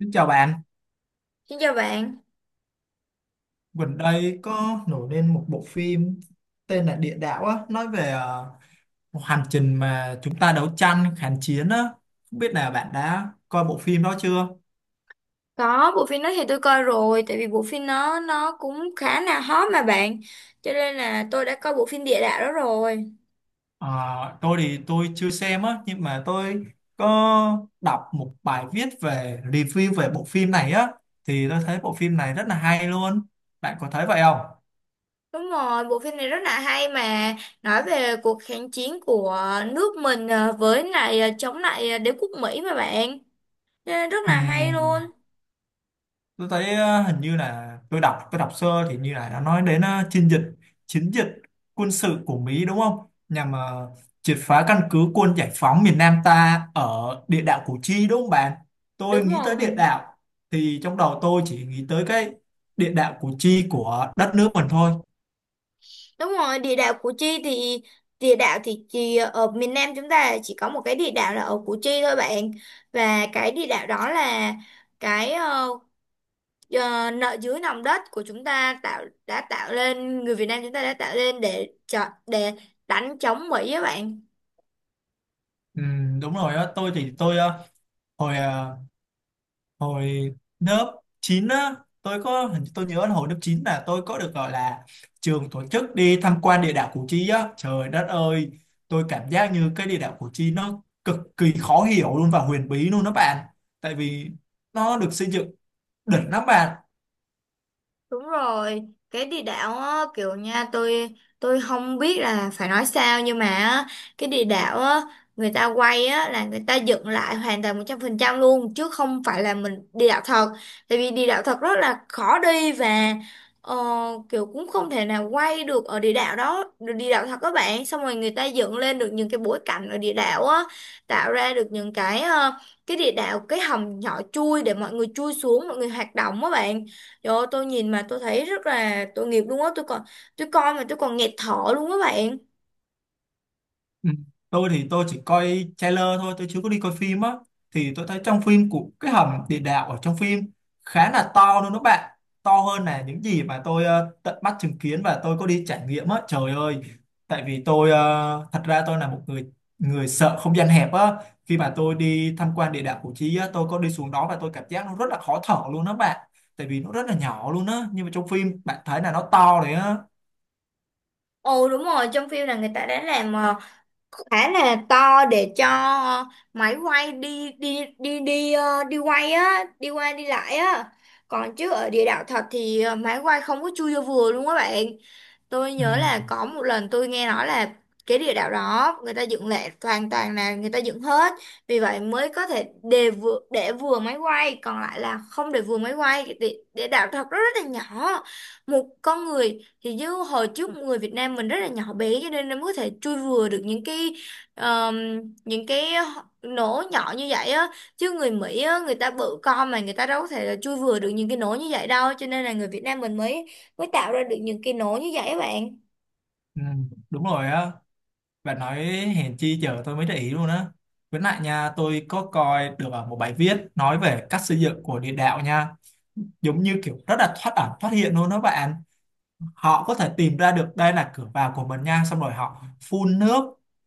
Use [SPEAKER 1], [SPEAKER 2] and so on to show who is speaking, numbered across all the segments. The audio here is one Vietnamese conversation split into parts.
[SPEAKER 1] Xin chào bạn,
[SPEAKER 2] Xin chào bạn.
[SPEAKER 1] gần đây có nổi lên một bộ phim tên là Địa Đạo á, nói về một hành trình mà chúng ta đấu tranh kháng chiến á. Không biết là bạn đã coi bộ phim đó chưa?
[SPEAKER 2] Có bộ phim đó thì tôi coi rồi, tại vì bộ phim nó cũng khá là hot mà bạn, cho nên là tôi đã coi bộ phim địa đạo đó rồi.
[SPEAKER 1] Ờ, tôi thì tôi chưa xem á, nhưng mà tôi có đọc một bài viết về review về bộ phim này á, thì tôi thấy bộ phim này rất là hay luôn. Bạn có thấy vậy không?
[SPEAKER 2] Đúng rồi, bộ phim này rất là hay mà nói về cuộc kháng chiến của nước mình với lại chống lại đế quốc Mỹ mà bạn. Cho nên rất là hay luôn.
[SPEAKER 1] Ừm, tôi thấy hình như là tôi đọc sơ thì như là nó nói đến chiến dịch quân sự của Mỹ đúng không, nhằm triệt phá căn cứ quân giải phóng miền Nam ta ở địa đạo Củ Chi, đúng không bạn? Tôi
[SPEAKER 2] Đúng
[SPEAKER 1] nghĩ tới
[SPEAKER 2] rồi,
[SPEAKER 1] địa đạo thì trong đầu tôi chỉ nghĩ tới cái địa đạo Củ Chi của đất nước mình thôi.
[SPEAKER 2] đúng rồi. Địa đạo Củ Chi thì địa đạo thì chỉ ở miền Nam chúng ta chỉ có một cái địa đạo là ở Củ Chi thôi bạn, và cái địa đạo đó là cái Ờ, nợ dưới nòng đất của chúng ta đã tạo lên người Việt Nam chúng ta đã tạo lên để đánh chống Mỹ á bạn.
[SPEAKER 1] Đúng rồi á. Tôi thì tôi hồi hồi lớp 9 á, tôi có hình tôi nhớ là hồi lớp 9 là tôi có được gọi là trường tổ chức đi tham quan địa đạo Củ Chi á. Trời đất ơi, tôi cảm giác như cái địa đạo Củ Chi nó cực kỳ khó hiểu luôn và huyền bí luôn đó bạn, tại vì nó được xây dựng đỉnh lắm bạn.
[SPEAKER 2] Đúng rồi, cái địa đạo á, kiểu nha tôi không biết là phải nói sao nhưng mà á, cái địa đạo á, người ta quay á, là người ta dựng lại hoàn toàn 100% luôn chứ không phải là mình địa đạo thật. Tại vì địa đạo thật rất là khó đi và ờ, kiểu cũng không thể nào quay được ở địa đạo đó, được địa đạo thật các bạn. Xong rồi người ta dựng lên được những cái bối cảnh ở địa đạo á, tạo ra được những cái cái địa đạo cái hầm nhỏ chui để mọi người chui xuống, mọi người hoạt động á bạn. Trời ơi, tôi nhìn mà tôi thấy rất là tội nghiệp luôn á tôi coi mà tôi còn nghẹt thở luôn á bạn.
[SPEAKER 1] Ừ. Tôi thì tôi chỉ coi trailer thôi, tôi chưa có đi coi phim á. Thì tôi thấy trong phim của cái hầm địa đạo ở trong phim khá là to luôn đó bạn. To hơn là những gì mà tôi tận mắt chứng kiến và tôi có đi trải nghiệm á. Trời ơi, tại vì tôi thật ra tôi là một người người sợ không gian hẹp á. Khi mà tôi đi tham quan địa đạo Củ Chi á, tôi có đi xuống đó và tôi cảm giác nó rất là khó thở luôn đó bạn. Tại vì nó rất là nhỏ luôn á, nhưng mà trong phim bạn thấy là nó to đấy á.
[SPEAKER 2] Ồ đúng rồi, trong phim là người ta đã làm khá là to để cho ờ, máy quay đi đi đi đi ờ, đi quay á đi qua đi lại á còn chứ ở địa đạo thật thì máy quay không có chui vô vừa luôn á bạn. Tôi
[SPEAKER 1] Ừ.
[SPEAKER 2] nhớ là có một lần tôi nghe nói là cái địa đạo đó người ta dựng lại hoàn toàn là người ta dựng hết vì vậy mới có thể để vừa máy quay còn lại là không để vừa máy quay. Cái địa đạo thật rất, rất là nhỏ, một con người thì như hồi trước người Việt Nam mình rất là nhỏ bé cho nên nó mới có thể chui vừa được ờm, những cái nổ nhỏ như vậy á chứ người Mỹ á người ta bự con mà người ta đâu có thể là chui vừa được những cái nổ như vậy đâu cho nên là người Việt Nam mình mới mới tạo ra được những cái nổ như vậy á bạn.
[SPEAKER 1] Ừ. Đúng rồi á. Bạn nói hèn chi giờ tôi mới để ý luôn á. Với lại nha, tôi có coi được ở một bài viết nói về cách xây dựng của địa đạo nha. Giống như kiểu rất là thoát ẩn thoát hiện luôn đó bạn, họ có thể tìm ra được đây là cửa vào của mình nha, xong rồi họ phun nước,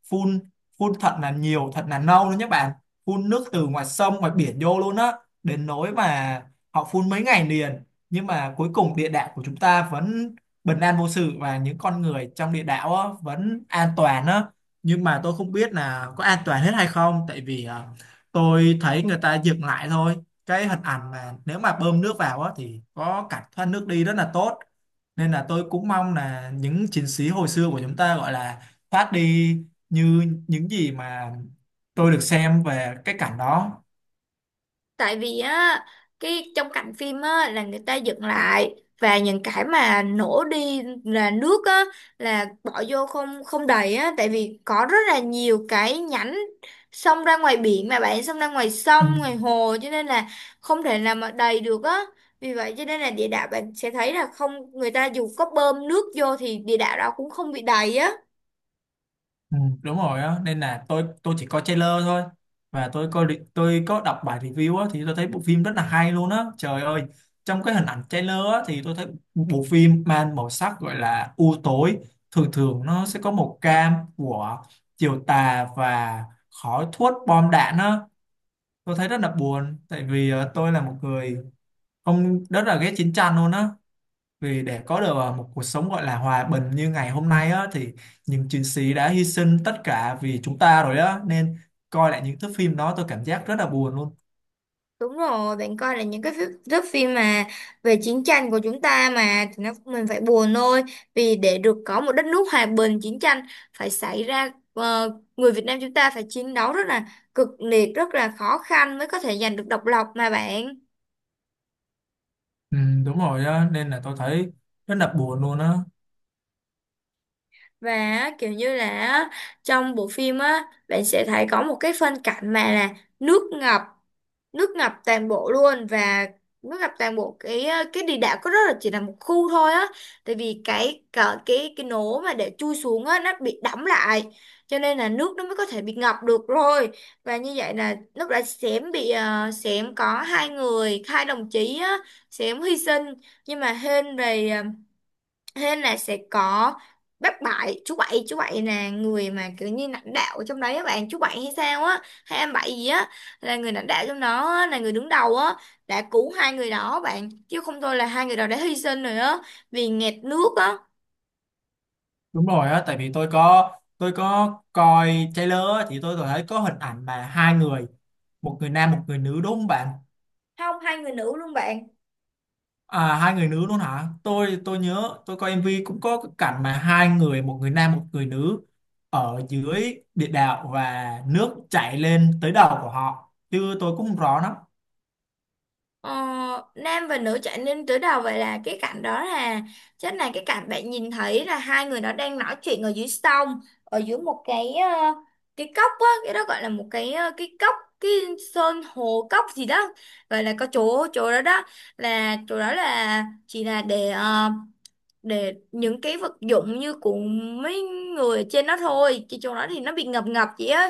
[SPEAKER 1] phun phun thật là nhiều thật là nâu luôn nhé bạn, phun nước từ ngoài sông ngoài biển vô luôn á, đến nỗi mà họ phun mấy ngày liền, nhưng mà cuối cùng địa đạo của chúng ta vẫn bình an vô sự và những con người trong địa đạo á, vẫn an toàn á. Nhưng mà tôi không biết là có an toàn hết hay không, tại vì à, tôi thấy người ta dựng lại thôi, cái hình ảnh mà nếu mà bơm nước vào á, thì có cảnh thoát nước đi rất là tốt, nên là tôi cũng mong là những chiến sĩ hồi xưa của chúng ta gọi là thoát đi như những gì mà tôi được xem về cái cảnh đó.
[SPEAKER 2] Tại vì á, cái trong cảnh phim á là người ta dựng lại và những cái mà nổ đi là nước á là bỏ vô không không đầy á, tại vì có rất là nhiều cái nhánh xông ra ngoài biển mà bạn, xông ra ngoài
[SPEAKER 1] Ừ.
[SPEAKER 2] sông ngoài hồ cho nên là không thể nào mà đầy được á. Vì vậy cho nên là địa đạo bạn sẽ thấy là không, người ta dù có bơm nước vô thì địa đạo đó cũng không bị đầy á.
[SPEAKER 1] Ừ, đúng rồi á, nên là tôi chỉ coi trailer thôi và tôi có đọc bài review á, thì tôi thấy bộ phim rất là hay luôn á. Trời ơi, trong cái hình ảnh trailer á thì tôi thấy bộ phim mang màu sắc gọi là u tối, thường thường nó sẽ có màu cam của chiều tà và khói thuốc bom đạn á. Tôi thấy rất là buồn, tại vì tôi là một người ông rất là ghét chiến tranh luôn á, vì để có được một cuộc sống gọi là hòa bình như ngày hôm nay á, thì những chiến sĩ đã hy sinh tất cả vì chúng ta rồi á, nên coi lại những thước phim đó tôi cảm giác rất là buồn luôn.
[SPEAKER 2] Đúng rồi, bạn coi là những thước phim mà về chiến tranh của chúng ta mà thì nó mình phải buồn thôi. Vì để được có một đất nước hòa bình, chiến tranh phải xảy ra, người Việt Nam chúng ta phải chiến đấu rất là cực liệt, rất là khó khăn mới có thể giành được độc lập mà bạn.
[SPEAKER 1] Ừ, đúng rồi á, nên là tôi thấy rất là buồn luôn á.
[SPEAKER 2] Và á, kiểu như là á, trong bộ phim á bạn sẽ thấy có một cái phân cảnh mà là nước ngập nước ngập toàn bộ luôn và nước ngập toàn bộ cái địa đạo, có rất là chỉ là một khu thôi á, tại vì cái nố mà để chui xuống á nó bị đẫm lại cho nên là nước nó mới có thể bị ngập được rồi. Và như vậy là lúc đã xém có hai đồng chí á xém hy sinh, nhưng mà hên về thế là sẽ có bác Bảy, chú Bảy, chú Bảy là người mà kiểu như lãnh đạo ở trong đấy á bạn, chú Bảy hay sao á, hay em Bảy gì á, là người lãnh đạo trong đó á, là người đứng đầu á, đã cứu hai người đó bạn, chứ không thôi là hai người đó đã hy sinh rồi á, vì nghẹt nước á.
[SPEAKER 1] Đúng rồi á, tại vì tôi có coi trailer á, thì tôi thấy có hình ảnh mà hai người, một người nam một người nữ, đúng không bạn?
[SPEAKER 2] Không, hai người nữ luôn bạn.
[SPEAKER 1] À, hai người nữ luôn hả? Tôi nhớ tôi coi MV cũng có cái cảnh mà hai người, một người nam một người nữ, ở dưới địa đạo và nước chảy lên tới đầu của họ, chứ tôi cũng không rõ lắm.
[SPEAKER 2] Ờ, Nam và nữ trở nên tứ đầu, vậy là cái cảnh đó là chắc là cái cảnh bạn nhìn thấy là hai người đó đang nói chuyện ở dưới sông, ở dưới một cái cốc á, cái đó gọi là một cái cốc, cái sơn hồ cốc gì đó, gọi là có chỗ chỗ đó đó, là chỗ đó là chỉ là để những cái vật dụng như của mấy người ở trên đó thôi, chứ chỗ đó thì nó bị ngập ngập chị á,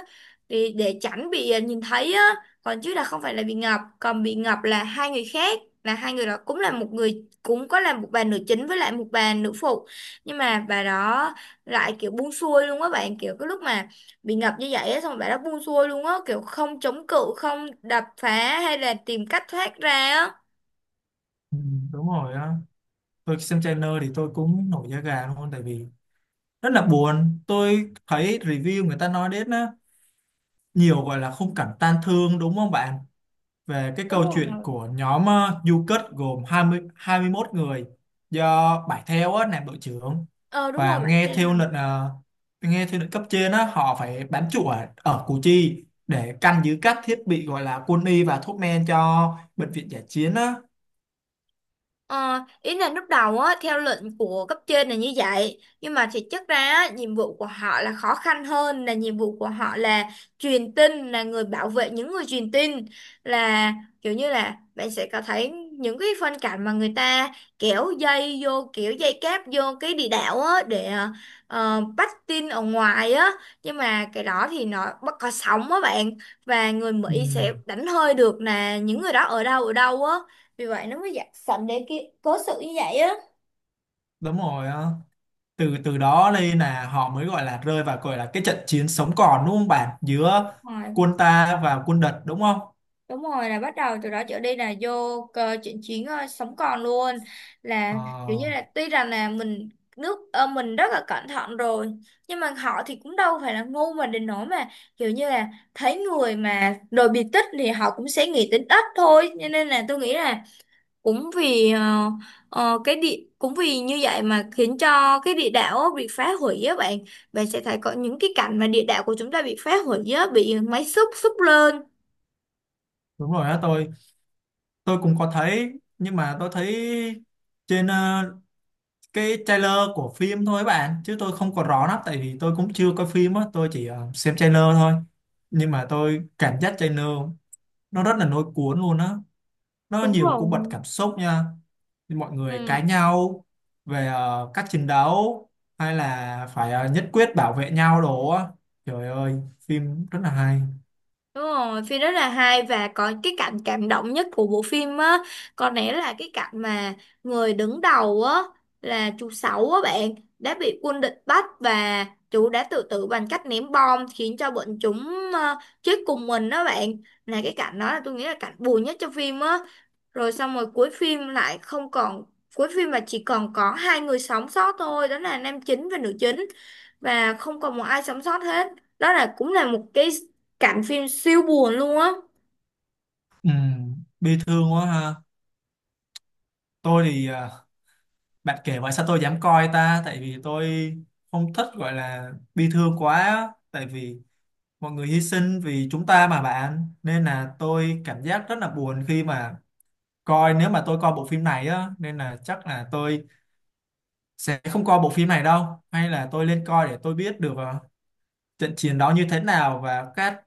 [SPEAKER 2] thì để tránh bị nhìn thấy á, còn chứ là không phải là bị ngập, còn bị ngập là hai người khác, là hai người đó cũng là một người, cũng có là một bà nữ chính với lại một bà nữ phụ, nhưng mà bà đó lại kiểu buông xuôi luôn á bạn, kiểu cái lúc mà bị ngập như vậy á xong rồi bà đó buông xuôi luôn á, kiểu không chống cự, không đập phá hay là tìm cách thoát ra á.
[SPEAKER 1] Ừ, đúng rồi á. Tôi xem trailer thì tôi cũng nổi da gà luôn, tại vì rất là buồn. Tôi thấy review người ta nói đến á, nhiều gọi là khung cảnh tan thương, đúng không bạn? Về cái
[SPEAKER 2] Đúng
[SPEAKER 1] câu chuyện
[SPEAKER 2] rồi.
[SPEAKER 1] của nhóm du kích gồm 20, 21 người, do Bảy Theo á, làm đội trưởng
[SPEAKER 2] Ờ đúng rồi
[SPEAKER 1] và
[SPEAKER 2] vậy thì.
[SPEAKER 1] nghe theo lệnh cấp trên á, họ phải bám trụ ở, ở Củ Chi để canh giữ các thiết bị gọi là quân y và thuốc men cho bệnh viện giải chiến á.
[SPEAKER 2] Ờ, ý là lúc đầu á, theo lệnh của cấp trên là như vậy, nhưng mà thực chất ra á, nhiệm vụ của họ là khó khăn hơn, là nhiệm vụ của họ là truyền tin, là người bảo vệ những người truyền tin, là kiểu như là bạn sẽ có thấy những cái phân cảnh mà người ta kéo dây vô, kiểu dây cáp vô cái địa đạo á để bắt tin ở ngoài á, nhưng mà cái đó thì nó bất có sóng á bạn, và người
[SPEAKER 1] Ừ,
[SPEAKER 2] Mỹ sẽ đánh hơi được là những người đó ở đâu á, vì vậy nó mới dạy sẵn để cái cố sự như vậy á.
[SPEAKER 1] đúng rồi á. Từ từ đó lên là họ mới gọi là rơi vào gọi là cái trận chiến sống còn, đúng không bạn, giữa
[SPEAKER 2] Rồi
[SPEAKER 1] quân ta và quân địch đúng không?
[SPEAKER 2] đúng rồi, là bắt đầu từ đó trở đi là vô cơ chuyện chiến sống còn luôn, là kiểu như
[SPEAKER 1] Ờ,
[SPEAKER 2] là tuy rằng là mình rất là cẩn thận rồi, nhưng mà họ thì cũng đâu phải là ngu mà đến nỗi mà kiểu như là thấy người mà đồ bị tích thì họ cũng sẽ nghĩ tính ít thôi, cho nên là tôi nghĩ là cũng vì như vậy mà khiến cho cái địa đạo á bị phá hủy á bạn, bạn sẽ thấy có những cái cảnh mà địa đạo của chúng ta bị phá hủy á, bị máy xúc xúc lên.
[SPEAKER 1] đúng rồi đó. Tôi cũng có thấy, nhưng mà tôi thấy trên cái trailer của phim thôi bạn, chứ tôi không có rõ lắm, tại vì tôi cũng chưa coi phim á, tôi chỉ xem trailer thôi. Nhưng mà tôi cảm giác trailer nó rất là lôi cuốn luôn á, nó
[SPEAKER 2] Đúng
[SPEAKER 1] nhiều
[SPEAKER 2] rồi.
[SPEAKER 1] cung bậc cảm xúc nha, mọi người cãi
[SPEAKER 2] Ừ.
[SPEAKER 1] nhau về cách chiến đấu hay là phải nhất quyết bảo vệ nhau đồ á. Trời ơi, phim rất là hay.
[SPEAKER 2] Đúng rồi, phim rất là hay và có cái cảnh cảm động nhất của bộ phim á, có lẽ là cái cảnh mà người đứng đầu á là chú Sáu á bạn đã bị quân địch bắt và chú đã tự tử bằng cách ném bom khiến cho bọn chúng chết cùng mình đó bạn. Là cái cảnh đó là tôi nghĩ là cảnh buồn nhất trong phim á. Rồi xong rồi cuối phim lại không còn, cuối phim mà chỉ còn có hai người sống sót thôi, đó là nam chính và nữ chính, và không còn một ai sống sót hết. Đó là cũng là một cái cảnh phim siêu buồn luôn á.
[SPEAKER 1] Bi thương quá ha. Tôi thì bạn kể vậy sao tôi dám coi ta, tại vì tôi không thích gọi là bi thương quá, tại vì mọi người hy sinh vì chúng ta mà bạn, nên là tôi cảm giác rất là buồn khi mà coi, nếu mà tôi coi bộ phim này á, nên là chắc là tôi sẽ không coi bộ phim này đâu, hay là tôi lên coi để tôi biết được trận chiến đó như thế nào và các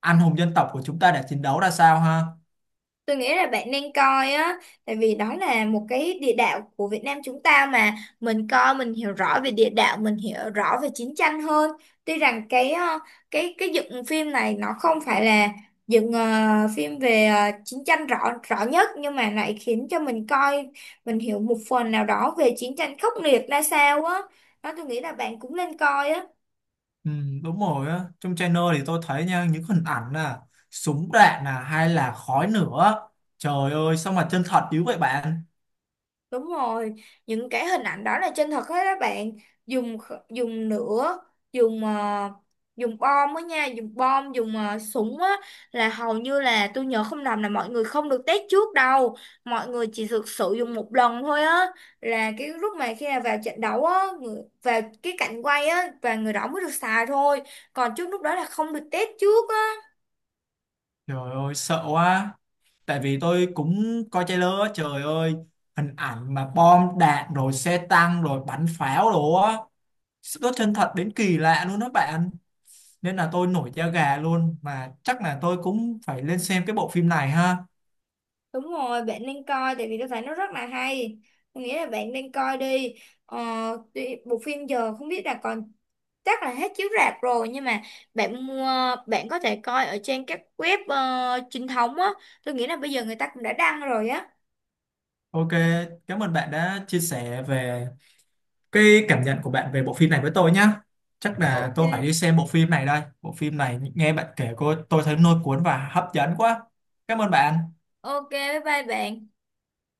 [SPEAKER 1] anh hùng dân tộc của chúng ta đã chiến đấu ra sao ha.
[SPEAKER 2] Tôi nghĩ là bạn nên coi á, tại vì đó là một cái địa đạo của Việt Nam chúng ta mà, mình coi mình hiểu rõ về địa đạo, mình hiểu rõ về chiến tranh hơn, tuy rằng cái cái dựng phim này nó không phải là dựng phim về chiến tranh rõ rõ nhất, nhưng mà lại khiến cho mình coi mình hiểu một phần nào đó về chiến tranh khốc liệt ra sao á, đó tôi nghĩ là bạn cũng nên coi á.
[SPEAKER 1] Ừ, đúng rồi á. Trong channel thì tôi thấy nha, những hình ảnh là súng đạn là hay là khói nữa, trời ơi sao mà chân thật dữ vậy bạn.
[SPEAKER 2] Đúng rồi, những cái hình ảnh đó là chân thật hết các bạn. Dùng lửa, dùng ờ, dùng bom á nha, dùng bom, dùng súng á, là hầu như là tôi nhớ không lầm là mọi người không được test trước đâu. Mọi người chỉ thực sự dùng một lần thôi á. Là cái lúc mà khi nào vào trận đấu á, vào cái cảnh quay á và người đó mới được xài thôi. Còn trước lúc đó là không được test trước.
[SPEAKER 1] Trời ơi sợ quá, tại vì tôi cũng coi trailer á. Trời ơi, hình ảnh mà bom đạn rồi xe tăng rồi bắn pháo đồ á, nó chân thật đến kỳ lạ luôn đó bạn, nên là tôi nổi da gà luôn, mà chắc là tôi cũng phải lên xem cái bộ phim này ha.
[SPEAKER 2] Đúng rồi, bạn nên coi tại vì tôi thấy nó rất là hay. Tôi nghĩ là bạn nên coi đi. Ờ, bộ phim giờ không biết là còn, chắc là hết chiếu rạp rồi nhưng mà bạn mua, bạn có thể coi ở trên các web chính thống á. Tôi nghĩ là bây giờ người ta cũng đã đăng rồi á.
[SPEAKER 1] Ok, cảm ơn bạn đã chia sẻ về cái cảm nhận của bạn về bộ phim này với tôi nhá. Chắc là tôi phải đi
[SPEAKER 2] OK.
[SPEAKER 1] xem bộ phim này đây, bộ phim này nghe bạn kể cô tôi thấy lôi cuốn và hấp dẫn quá. Cảm ơn bạn.
[SPEAKER 2] OK, bye bye bạn.